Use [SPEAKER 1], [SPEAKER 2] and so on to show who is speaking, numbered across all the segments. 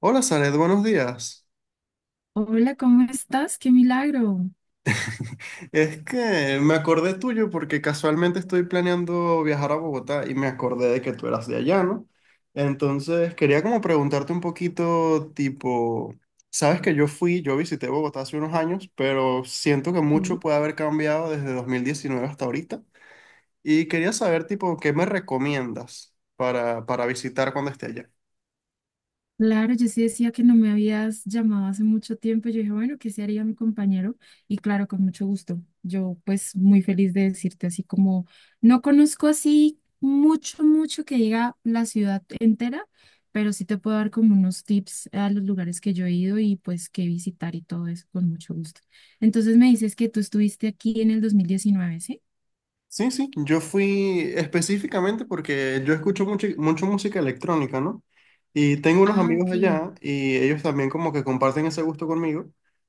[SPEAKER 1] Hola, Sanet, buenos días.
[SPEAKER 2] Hola, ¿cómo estás? ¡Qué milagro!
[SPEAKER 1] Es que me acordé tuyo porque casualmente estoy planeando viajar a Bogotá y me acordé de que tú eras de allá, ¿no? Entonces quería como preguntarte un poquito, tipo, sabes que yo visité Bogotá hace unos años, pero siento que mucho puede haber cambiado desde 2019 hasta ahorita y quería saber, tipo, ¿qué me recomiendas para visitar cuando esté allá?
[SPEAKER 2] Claro, yo sí decía que no me habías llamado hace mucho tiempo. Yo dije, bueno, ¿qué se haría mi compañero? Y claro, con mucho gusto. Yo pues muy feliz de decirte así como no conozco así mucho, mucho que diga la ciudad entera, pero sí te puedo dar como unos tips a los lugares que yo he ido y pues qué visitar y todo eso con mucho gusto. Entonces me dices que tú estuviste aquí en el 2019, ¿sí?
[SPEAKER 1] Sí, sí, yo fui específicamente porque yo escucho mucho, mucho música electrónica, ¿no? Y tengo unos
[SPEAKER 2] Ah,
[SPEAKER 1] amigos
[SPEAKER 2] ok.
[SPEAKER 1] allá y ellos también como que comparten ese gusto conmigo.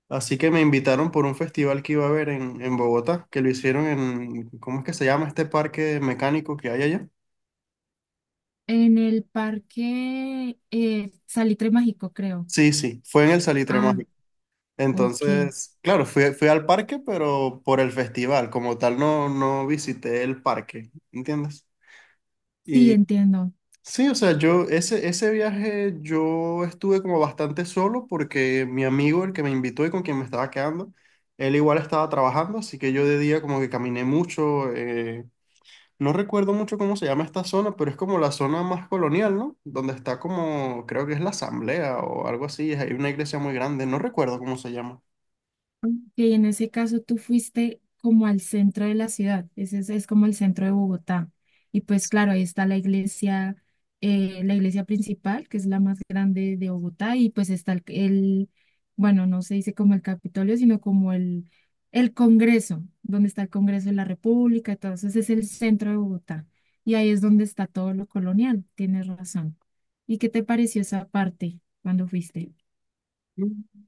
[SPEAKER 1] Así que me invitaron por un festival que iba a haber en Bogotá, que lo hicieron en, ¿cómo es que se llama este parque mecánico que hay allá?
[SPEAKER 2] En el parque Salitre Mágico, creo.
[SPEAKER 1] Sí, sí, fue en el Salitre
[SPEAKER 2] Ah,
[SPEAKER 1] Mágico.
[SPEAKER 2] ok.
[SPEAKER 1] Entonces, claro, fui al parque, pero por el festival, como tal no visité el parque, ¿entiendes?
[SPEAKER 2] Sí, entiendo.
[SPEAKER 1] Sí, o sea, yo ese viaje yo estuve como bastante solo porque mi amigo, el que me invitó y con quien me estaba quedando, él igual estaba trabajando, así que yo de día como que caminé mucho. No recuerdo mucho cómo se llama esta zona, pero es como la zona más colonial, ¿no? Donde está como, creo que es la asamblea o algo así, hay una iglesia muy grande, no recuerdo cómo se llama.
[SPEAKER 2] Que en ese caso tú fuiste como al centro de la ciudad, ese es como el centro de Bogotá. Y pues claro, ahí está la iglesia principal, que es la más grande de Bogotá, y pues está bueno, no se dice como el Capitolio, sino como el Congreso, donde está el Congreso de la República, entonces es el centro de Bogotá. Y ahí es donde está todo lo colonial, tienes razón. ¿Y qué te pareció esa parte cuando fuiste?
[SPEAKER 1] Mm,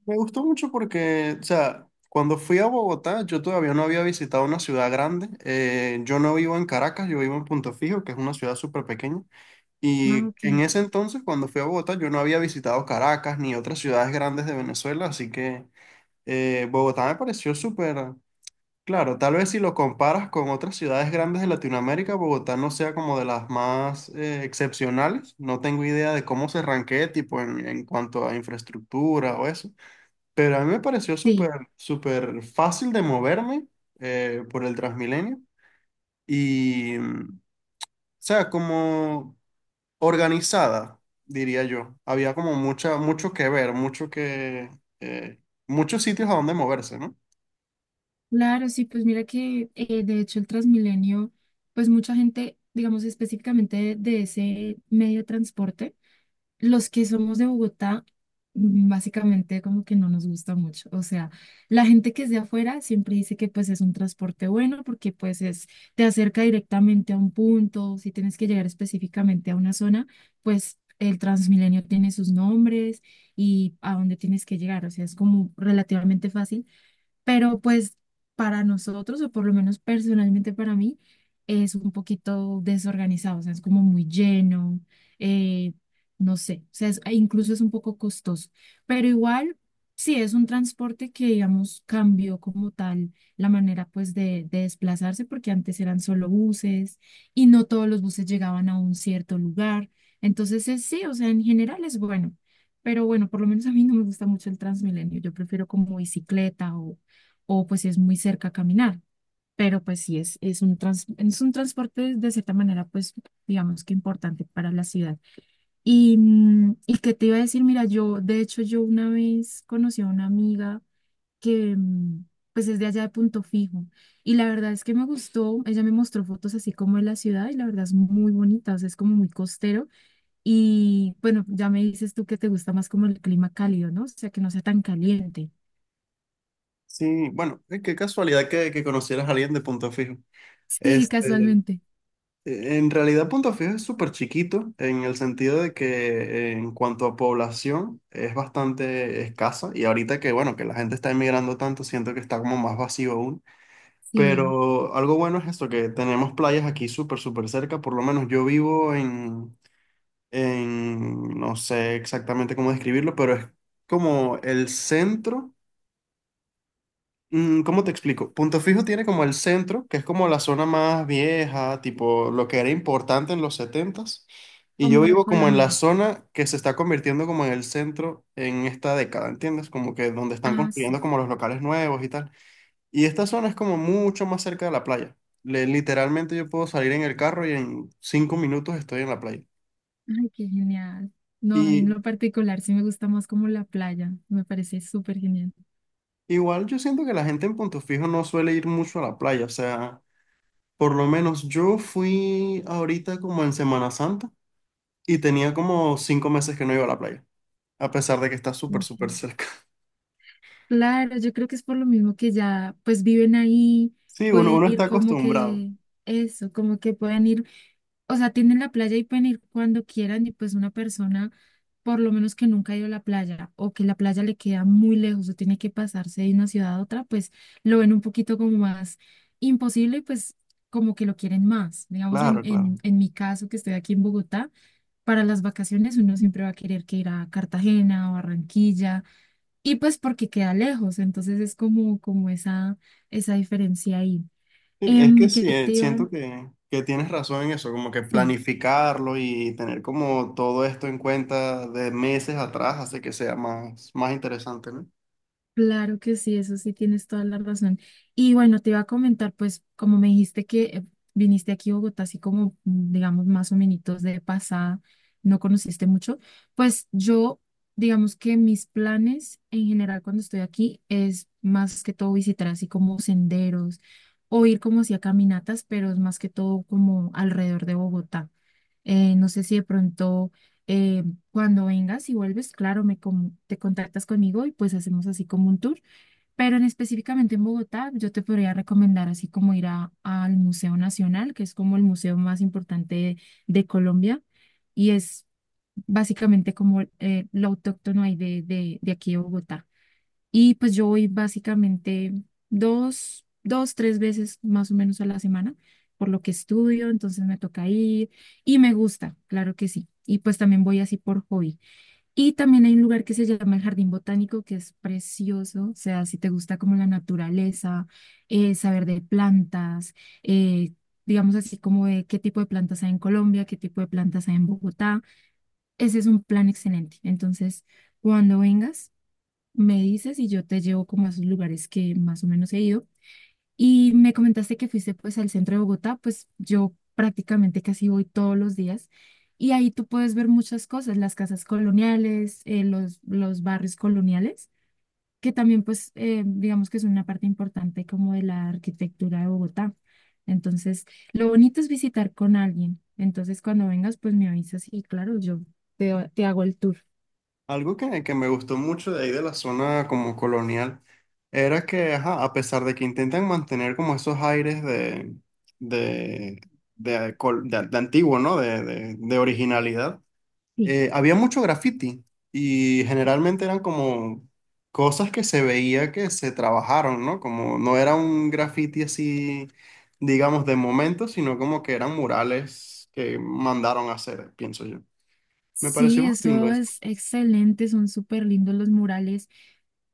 [SPEAKER 1] Me gustó mucho porque, o sea, cuando fui a Bogotá, yo todavía no había visitado una ciudad grande. Yo no vivo en Caracas, yo vivo en Punto Fijo, que es una ciudad súper pequeña.
[SPEAKER 2] Ah,
[SPEAKER 1] Y
[SPEAKER 2] ok.
[SPEAKER 1] en ese entonces, cuando fui a Bogotá, yo no había visitado Caracas ni otras ciudades grandes de Venezuela, así que Bogotá me pareció súper, claro, tal vez si lo comparas con otras ciudades grandes de Latinoamérica, Bogotá no sea como de las más excepcionales. No tengo idea de cómo se ranquee, tipo, en cuanto a infraestructura o eso, pero a mí me pareció
[SPEAKER 2] Sí.
[SPEAKER 1] súper, súper fácil de moverme por el Transmilenio y, o sea, como organizada, diría yo. Había como mucho que ver, eh, muchos sitios a donde moverse, ¿no?
[SPEAKER 2] Claro, sí, pues mira que de hecho el Transmilenio, pues mucha gente, digamos específicamente de ese medio de transporte, los que somos de Bogotá, básicamente como que no nos gusta mucho. O sea, la gente que es de afuera siempre dice que pues es un transporte bueno porque pues es, te acerca directamente a un punto, si tienes que llegar específicamente a una zona, pues el Transmilenio tiene sus nombres y a dónde tienes que llegar, o sea, es como relativamente fácil, pero pues para nosotros, o por lo menos personalmente para mí, es un poquito desorganizado, o sea, es como muy lleno. eh, no sé, o sea, e incluso es un poco costoso, pero igual sí es un transporte que, digamos, cambió como tal la manera pues de desplazarse, porque antes eran solo buses y no todos los buses llegaban a un cierto lugar, entonces sí, o sea, en general es bueno. Pero bueno, por lo menos a mí no me gusta mucho el Transmilenio. Yo prefiero como bicicleta o pues si es muy cerca caminar. Pero pues sí, es un transporte de cierta manera, pues digamos que importante para la ciudad. Y que te iba a decir, mira, yo, de hecho, yo una vez conocí a una amiga que pues es de allá de Punto Fijo. Y la verdad es que me gustó, ella me mostró fotos así como de la ciudad y la verdad es muy bonita, o sea, es como muy costero. Y bueno, ya me dices tú que te gusta más como el clima cálido, ¿no? O sea, que no sea tan caliente.
[SPEAKER 1] Sí, bueno, qué casualidad que conocieras a alguien de Punto Fijo.
[SPEAKER 2] Sí,
[SPEAKER 1] Este,
[SPEAKER 2] casualmente.
[SPEAKER 1] En realidad, Punto Fijo es súper chiquito en el sentido de que en cuanto a población es bastante escasa y ahorita que, bueno, que la gente está emigrando tanto, siento que está como más vacío aún.
[SPEAKER 2] Sí.
[SPEAKER 1] Pero algo bueno es esto, que tenemos playas aquí súper, súper cerca, por lo menos en, no sé exactamente cómo describirlo, pero es como el centro. ¿Cómo te explico? Punto Fijo tiene como el centro, que es como la zona más vieja, tipo lo que era importante en los setentas. Y yo
[SPEAKER 2] Como lo
[SPEAKER 1] vivo como en la
[SPEAKER 2] colonial.
[SPEAKER 1] zona que se está convirtiendo como en el centro en esta década, ¿entiendes? Como que donde están
[SPEAKER 2] Ah,
[SPEAKER 1] construyendo
[SPEAKER 2] sí.
[SPEAKER 1] como los locales nuevos y tal. Y esta zona es como mucho más cerca de la playa. Literalmente yo puedo salir en el carro y en 5 minutos estoy en la playa.
[SPEAKER 2] Ay, qué genial. No, a mí en
[SPEAKER 1] Y
[SPEAKER 2] lo particular sí me gusta más como la playa. Me parece súper genial.
[SPEAKER 1] igual yo siento que la gente en Punto Fijo no suele ir mucho a la playa, o sea... Por lo menos yo fui ahorita como en Semana Santa y tenía como 5 meses que no iba a la playa, a pesar de que está súper,
[SPEAKER 2] Ok.
[SPEAKER 1] súper cerca.
[SPEAKER 2] Claro, yo creo que es por lo mismo que ya pues viven ahí,
[SPEAKER 1] Sí, uno,
[SPEAKER 2] pueden
[SPEAKER 1] uno
[SPEAKER 2] ir
[SPEAKER 1] está
[SPEAKER 2] como
[SPEAKER 1] acostumbrado.
[SPEAKER 2] que eso, como que pueden ir, o sea, tienen la playa y pueden ir cuando quieran y pues una persona, por lo menos que nunca ha ido a la playa o que la playa le queda muy lejos o tiene que pasarse de una ciudad a otra, pues lo ven un poquito como más imposible y pues como que lo quieren más. Digamos, en,
[SPEAKER 1] Claro,
[SPEAKER 2] en,
[SPEAKER 1] claro.
[SPEAKER 2] en mi caso, que estoy aquí en Bogotá, para las vacaciones uno siempre va a querer que ir a Cartagena o Barranquilla y pues porque queda lejos, entonces es como esa diferencia ahí.
[SPEAKER 1] Sí, es que
[SPEAKER 2] ¿Qué
[SPEAKER 1] sí,
[SPEAKER 2] te iba?
[SPEAKER 1] siento que tienes razón en eso, como que
[SPEAKER 2] Sí.
[SPEAKER 1] planificarlo y tener como todo esto en cuenta de meses atrás hace que sea más, más interesante, ¿no?
[SPEAKER 2] Claro que sí, eso sí tienes toda la razón. Y bueno, te iba a comentar, pues, como me dijiste que viniste aquí a Bogotá, así como, digamos, más o menos de pasada, no conociste mucho, pues yo, digamos que mis planes en general cuando estoy aquí es más que todo visitar así como senderos o ir como así a caminatas, pero es más que todo como alrededor de Bogotá. No sé si de pronto eh, cuando vengas y vuelves, claro, te contactas conmigo y pues hacemos así como un tour. Pero en específicamente en Bogotá, yo te podría recomendar así como ir al Museo Nacional, que es como el museo más importante de Colombia y es básicamente como lo autóctono ahí de aquí de Bogotá. Y pues yo voy básicamente dos, tres veces más o menos a la semana, por lo que estudio, entonces me toca ir y me gusta, claro que sí. Y pues también voy así por hobby. Y también hay un lugar que se llama el Jardín Botánico, que es precioso. O sea, si te gusta como la naturaleza, saber de plantas, eh, digamos así como de qué tipo de plantas hay en Colombia, qué tipo de plantas hay en Bogotá, ese es un plan excelente. Entonces, cuando vengas, me dices y yo te llevo como a esos lugares que más o menos he ido. Y me comentaste que fuiste pues al centro de Bogotá, pues yo prácticamente casi voy todos los días y ahí tú puedes ver muchas cosas, las casas coloniales, los barrios coloniales, que también pues digamos que es una parte importante como de la arquitectura de Bogotá. Entonces, lo bonito es visitar con alguien. Entonces, cuando vengas, pues me avisas y claro, yo te hago el tour.
[SPEAKER 1] Algo que me gustó mucho de ahí de la zona como colonial era que, ajá, a pesar de que intentan mantener como esos aires de, de antiguo, ¿no? De originalidad,
[SPEAKER 2] Sí.
[SPEAKER 1] había mucho graffiti y generalmente eran como cosas que se veía que se trabajaron, ¿no? Como no era un graffiti así, digamos, de momento, sino como que eran murales que mandaron a hacer, pienso yo. Me pareció
[SPEAKER 2] Sí,
[SPEAKER 1] muy lindo.
[SPEAKER 2] eso es excelente, son súper lindos los murales.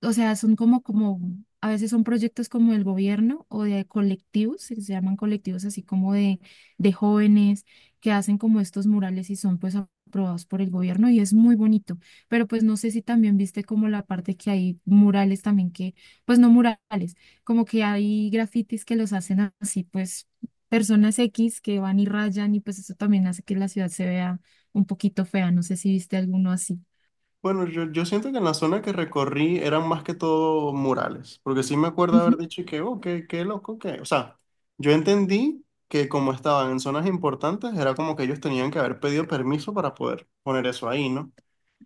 [SPEAKER 2] O sea, son como, a veces son proyectos como del gobierno o de colectivos, que se llaman colectivos así como de jóvenes que hacen como estos murales y son pues aprobados por el gobierno y es muy bonito. Pero pues no sé si también viste como la parte que hay murales también que, pues no murales, como que hay grafitis que los hacen así pues personas X que van y rayan y pues eso también hace que la ciudad se vea un poquito fea. No sé si viste alguno así.
[SPEAKER 1] Bueno, yo siento que en la zona que recorrí eran más que todo murales, porque sí me acuerdo haber
[SPEAKER 2] Ujú.
[SPEAKER 1] dicho que, oh, qué loco, que... O sea, yo entendí que como estaban en zonas importantes, era como que ellos tenían que haber pedido permiso para poder poner eso ahí, ¿no?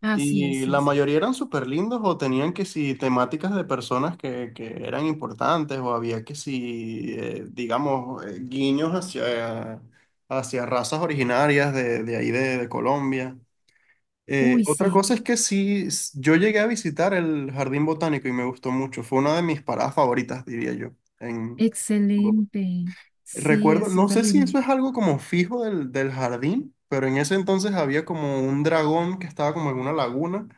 [SPEAKER 2] Así es,
[SPEAKER 1] Y
[SPEAKER 2] sí
[SPEAKER 1] la
[SPEAKER 2] es.
[SPEAKER 1] mayoría eran súper lindos o tenían que si temáticas de personas que eran importantes o había que si, digamos, guiños hacia razas originarias de ahí de Colombia.
[SPEAKER 2] Uy,
[SPEAKER 1] Otra
[SPEAKER 2] sí.
[SPEAKER 1] cosa es que sí, yo llegué a visitar el Jardín Botánico y me gustó mucho. Fue una de mis paradas favoritas, diría yo. En... Bogotá.
[SPEAKER 2] Excelente. Sí,
[SPEAKER 1] Recuerdo,
[SPEAKER 2] es
[SPEAKER 1] no
[SPEAKER 2] súper
[SPEAKER 1] sé si
[SPEAKER 2] lindo.
[SPEAKER 1] eso es algo como fijo del jardín, pero en ese entonces había como un dragón que estaba como en una laguna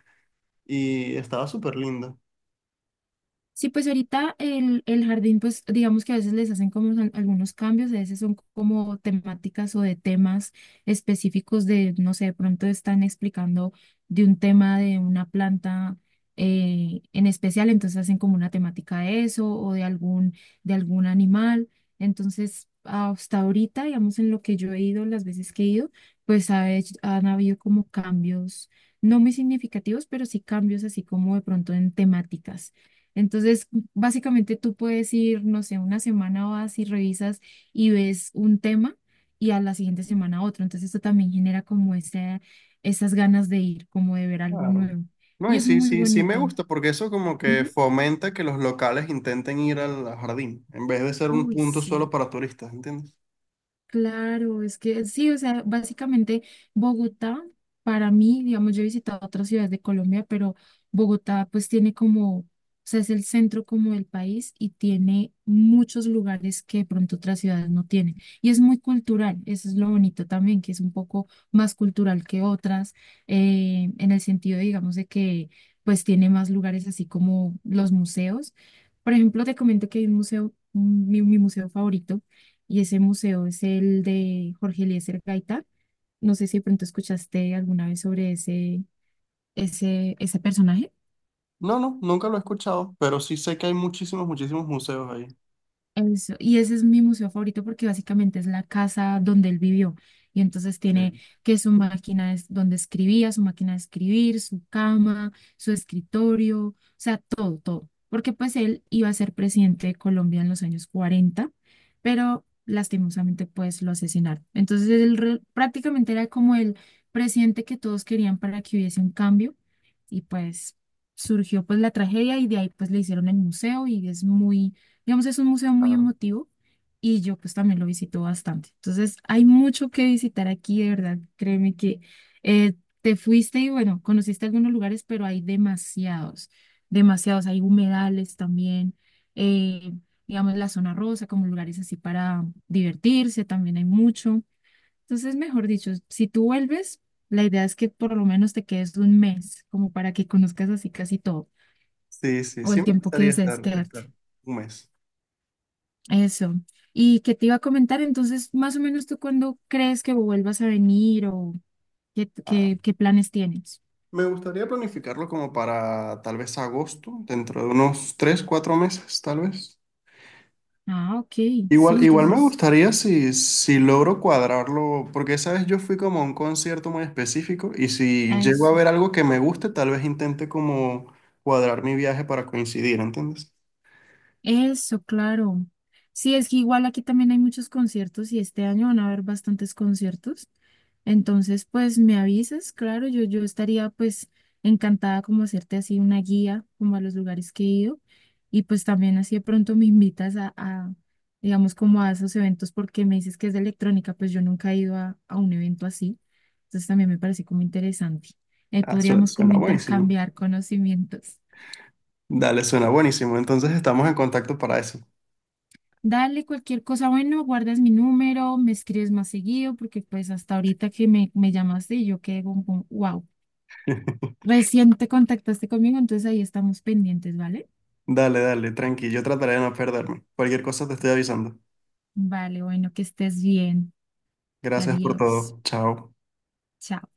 [SPEAKER 1] y estaba súper lindo.
[SPEAKER 2] Sí, pues ahorita el jardín, pues digamos que a veces les hacen como algunos cambios, a veces son como temáticas o de temas específicos de, no sé, de pronto están explicando de un tema de una planta en especial, entonces hacen como una temática de eso o de algún animal. Entonces, hasta ahorita, digamos, en lo que yo he ido, las veces que he ido, pues han habido como cambios, no muy significativos, pero sí cambios así como de pronto en temáticas. Entonces, básicamente tú puedes ir, no sé, una semana vas y revisas y ves un tema y a la siguiente semana otro. Entonces, esto también genera como ese, esas ganas de ir, como de ver algo
[SPEAKER 1] Claro.
[SPEAKER 2] nuevo.
[SPEAKER 1] No,
[SPEAKER 2] Y
[SPEAKER 1] y
[SPEAKER 2] es
[SPEAKER 1] sí,
[SPEAKER 2] muy
[SPEAKER 1] sí, sí me
[SPEAKER 2] bonito.
[SPEAKER 1] gusta porque eso como que
[SPEAKER 2] Ujú.
[SPEAKER 1] fomenta que los locales intenten ir al jardín en vez de ser un
[SPEAKER 2] Uy,
[SPEAKER 1] punto solo
[SPEAKER 2] sí.
[SPEAKER 1] para turistas, ¿entiendes?
[SPEAKER 2] Claro, es que sí, o sea, básicamente Bogotá, para mí, digamos, yo he visitado otras ciudades de Colombia, pero Bogotá pues tiene como, o sea, es el centro como del país y tiene muchos lugares que de pronto otras ciudades no tienen. Y es muy cultural, eso es lo bonito también, que es un poco más cultural que otras, en el sentido, digamos, de que pues tiene más lugares así como los museos. Por ejemplo, te comento que hay un museo, mi museo favorito, y ese museo es el de Jorge Eliezer Gaitán. No sé si de pronto escuchaste alguna vez sobre ese personaje.
[SPEAKER 1] No, no, nunca lo he escuchado, pero sí sé que hay muchísimos, muchísimos museos ahí.
[SPEAKER 2] Eso, y ese es mi museo favorito porque básicamente es la casa donde él vivió. Y entonces
[SPEAKER 1] Ok.
[SPEAKER 2] tiene que su máquina es donde escribía, su máquina de escribir, su cama, su escritorio, o sea, todo, todo. Porque pues él iba a ser presidente de Colombia en los años cuarenta, pero lastimosamente pues lo asesinaron. Entonces él prácticamente era como el presidente que todos querían para que hubiese un cambio y pues surgió pues la tragedia y de ahí pues le hicieron el museo y es muy digamos, es un museo muy
[SPEAKER 1] Ah,
[SPEAKER 2] emotivo y yo pues también lo visito bastante. Entonces, hay mucho que visitar aquí, de verdad. Créeme que eh, te fuiste y bueno, conociste algunos lugares, pero hay demasiados, demasiados. Hay humedales también, eh, digamos, la zona rosa, como lugares así para divertirse, también hay mucho. Entonces, mejor dicho, si tú vuelves, la idea es que por lo menos te quedes un mes, como para que conozcas así casi todo,
[SPEAKER 1] sí, sí,
[SPEAKER 2] o
[SPEAKER 1] sí
[SPEAKER 2] el
[SPEAKER 1] me
[SPEAKER 2] tiempo que
[SPEAKER 1] gustaría
[SPEAKER 2] desees
[SPEAKER 1] estar
[SPEAKER 2] quedarte.
[SPEAKER 1] 1 mes.
[SPEAKER 2] Eso. ¿Y qué te iba a comentar? Entonces, ¿más o menos tú cuándo crees que vuelvas a venir o qué,
[SPEAKER 1] Ah,
[SPEAKER 2] qué, qué planes tienes?
[SPEAKER 1] me gustaría planificarlo como para tal vez agosto, dentro de unos 3, 4 meses, tal vez.
[SPEAKER 2] Ah, ok, sí,
[SPEAKER 1] Igual, igual me
[SPEAKER 2] entonces,
[SPEAKER 1] gustaría si logro cuadrarlo, porque esa vez yo fui como a un concierto muy específico y si llego a
[SPEAKER 2] eso.
[SPEAKER 1] ver algo que me guste, tal vez intente como cuadrar mi viaje para coincidir, ¿entiendes?
[SPEAKER 2] Eso, claro. Sí, es que igual aquí también hay muchos conciertos y este año van a haber bastantes conciertos. Entonces, pues me avisas, claro, yo estaría pues encantada como hacerte así una guía como a los lugares que he ido y pues también así de pronto me invitas a, digamos, como a esos eventos porque me dices que es de electrónica, pues yo nunca he ido a un evento así. Entonces también me parece como interesante.
[SPEAKER 1] Ah,
[SPEAKER 2] Podríamos como
[SPEAKER 1] suena buenísimo.
[SPEAKER 2] intercambiar conocimientos.
[SPEAKER 1] Dale, suena buenísimo. Entonces estamos en contacto para eso.
[SPEAKER 2] Dale, cualquier cosa, bueno, guardas mi número, me escribes más seguido, porque pues hasta ahorita que me llamaste y yo quedé como, wow, recién te contactaste conmigo, entonces ahí estamos pendientes, ¿vale?
[SPEAKER 1] Dale, dale, tranqui. Yo trataré de no perderme. Cualquier cosa te estoy avisando.
[SPEAKER 2] Vale, bueno, que estés bien.
[SPEAKER 1] Gracias por
[SPEAKER 2] Adiós.
[SPEAKER 1] todo. Chao.
[SPEAKER 2] Chao.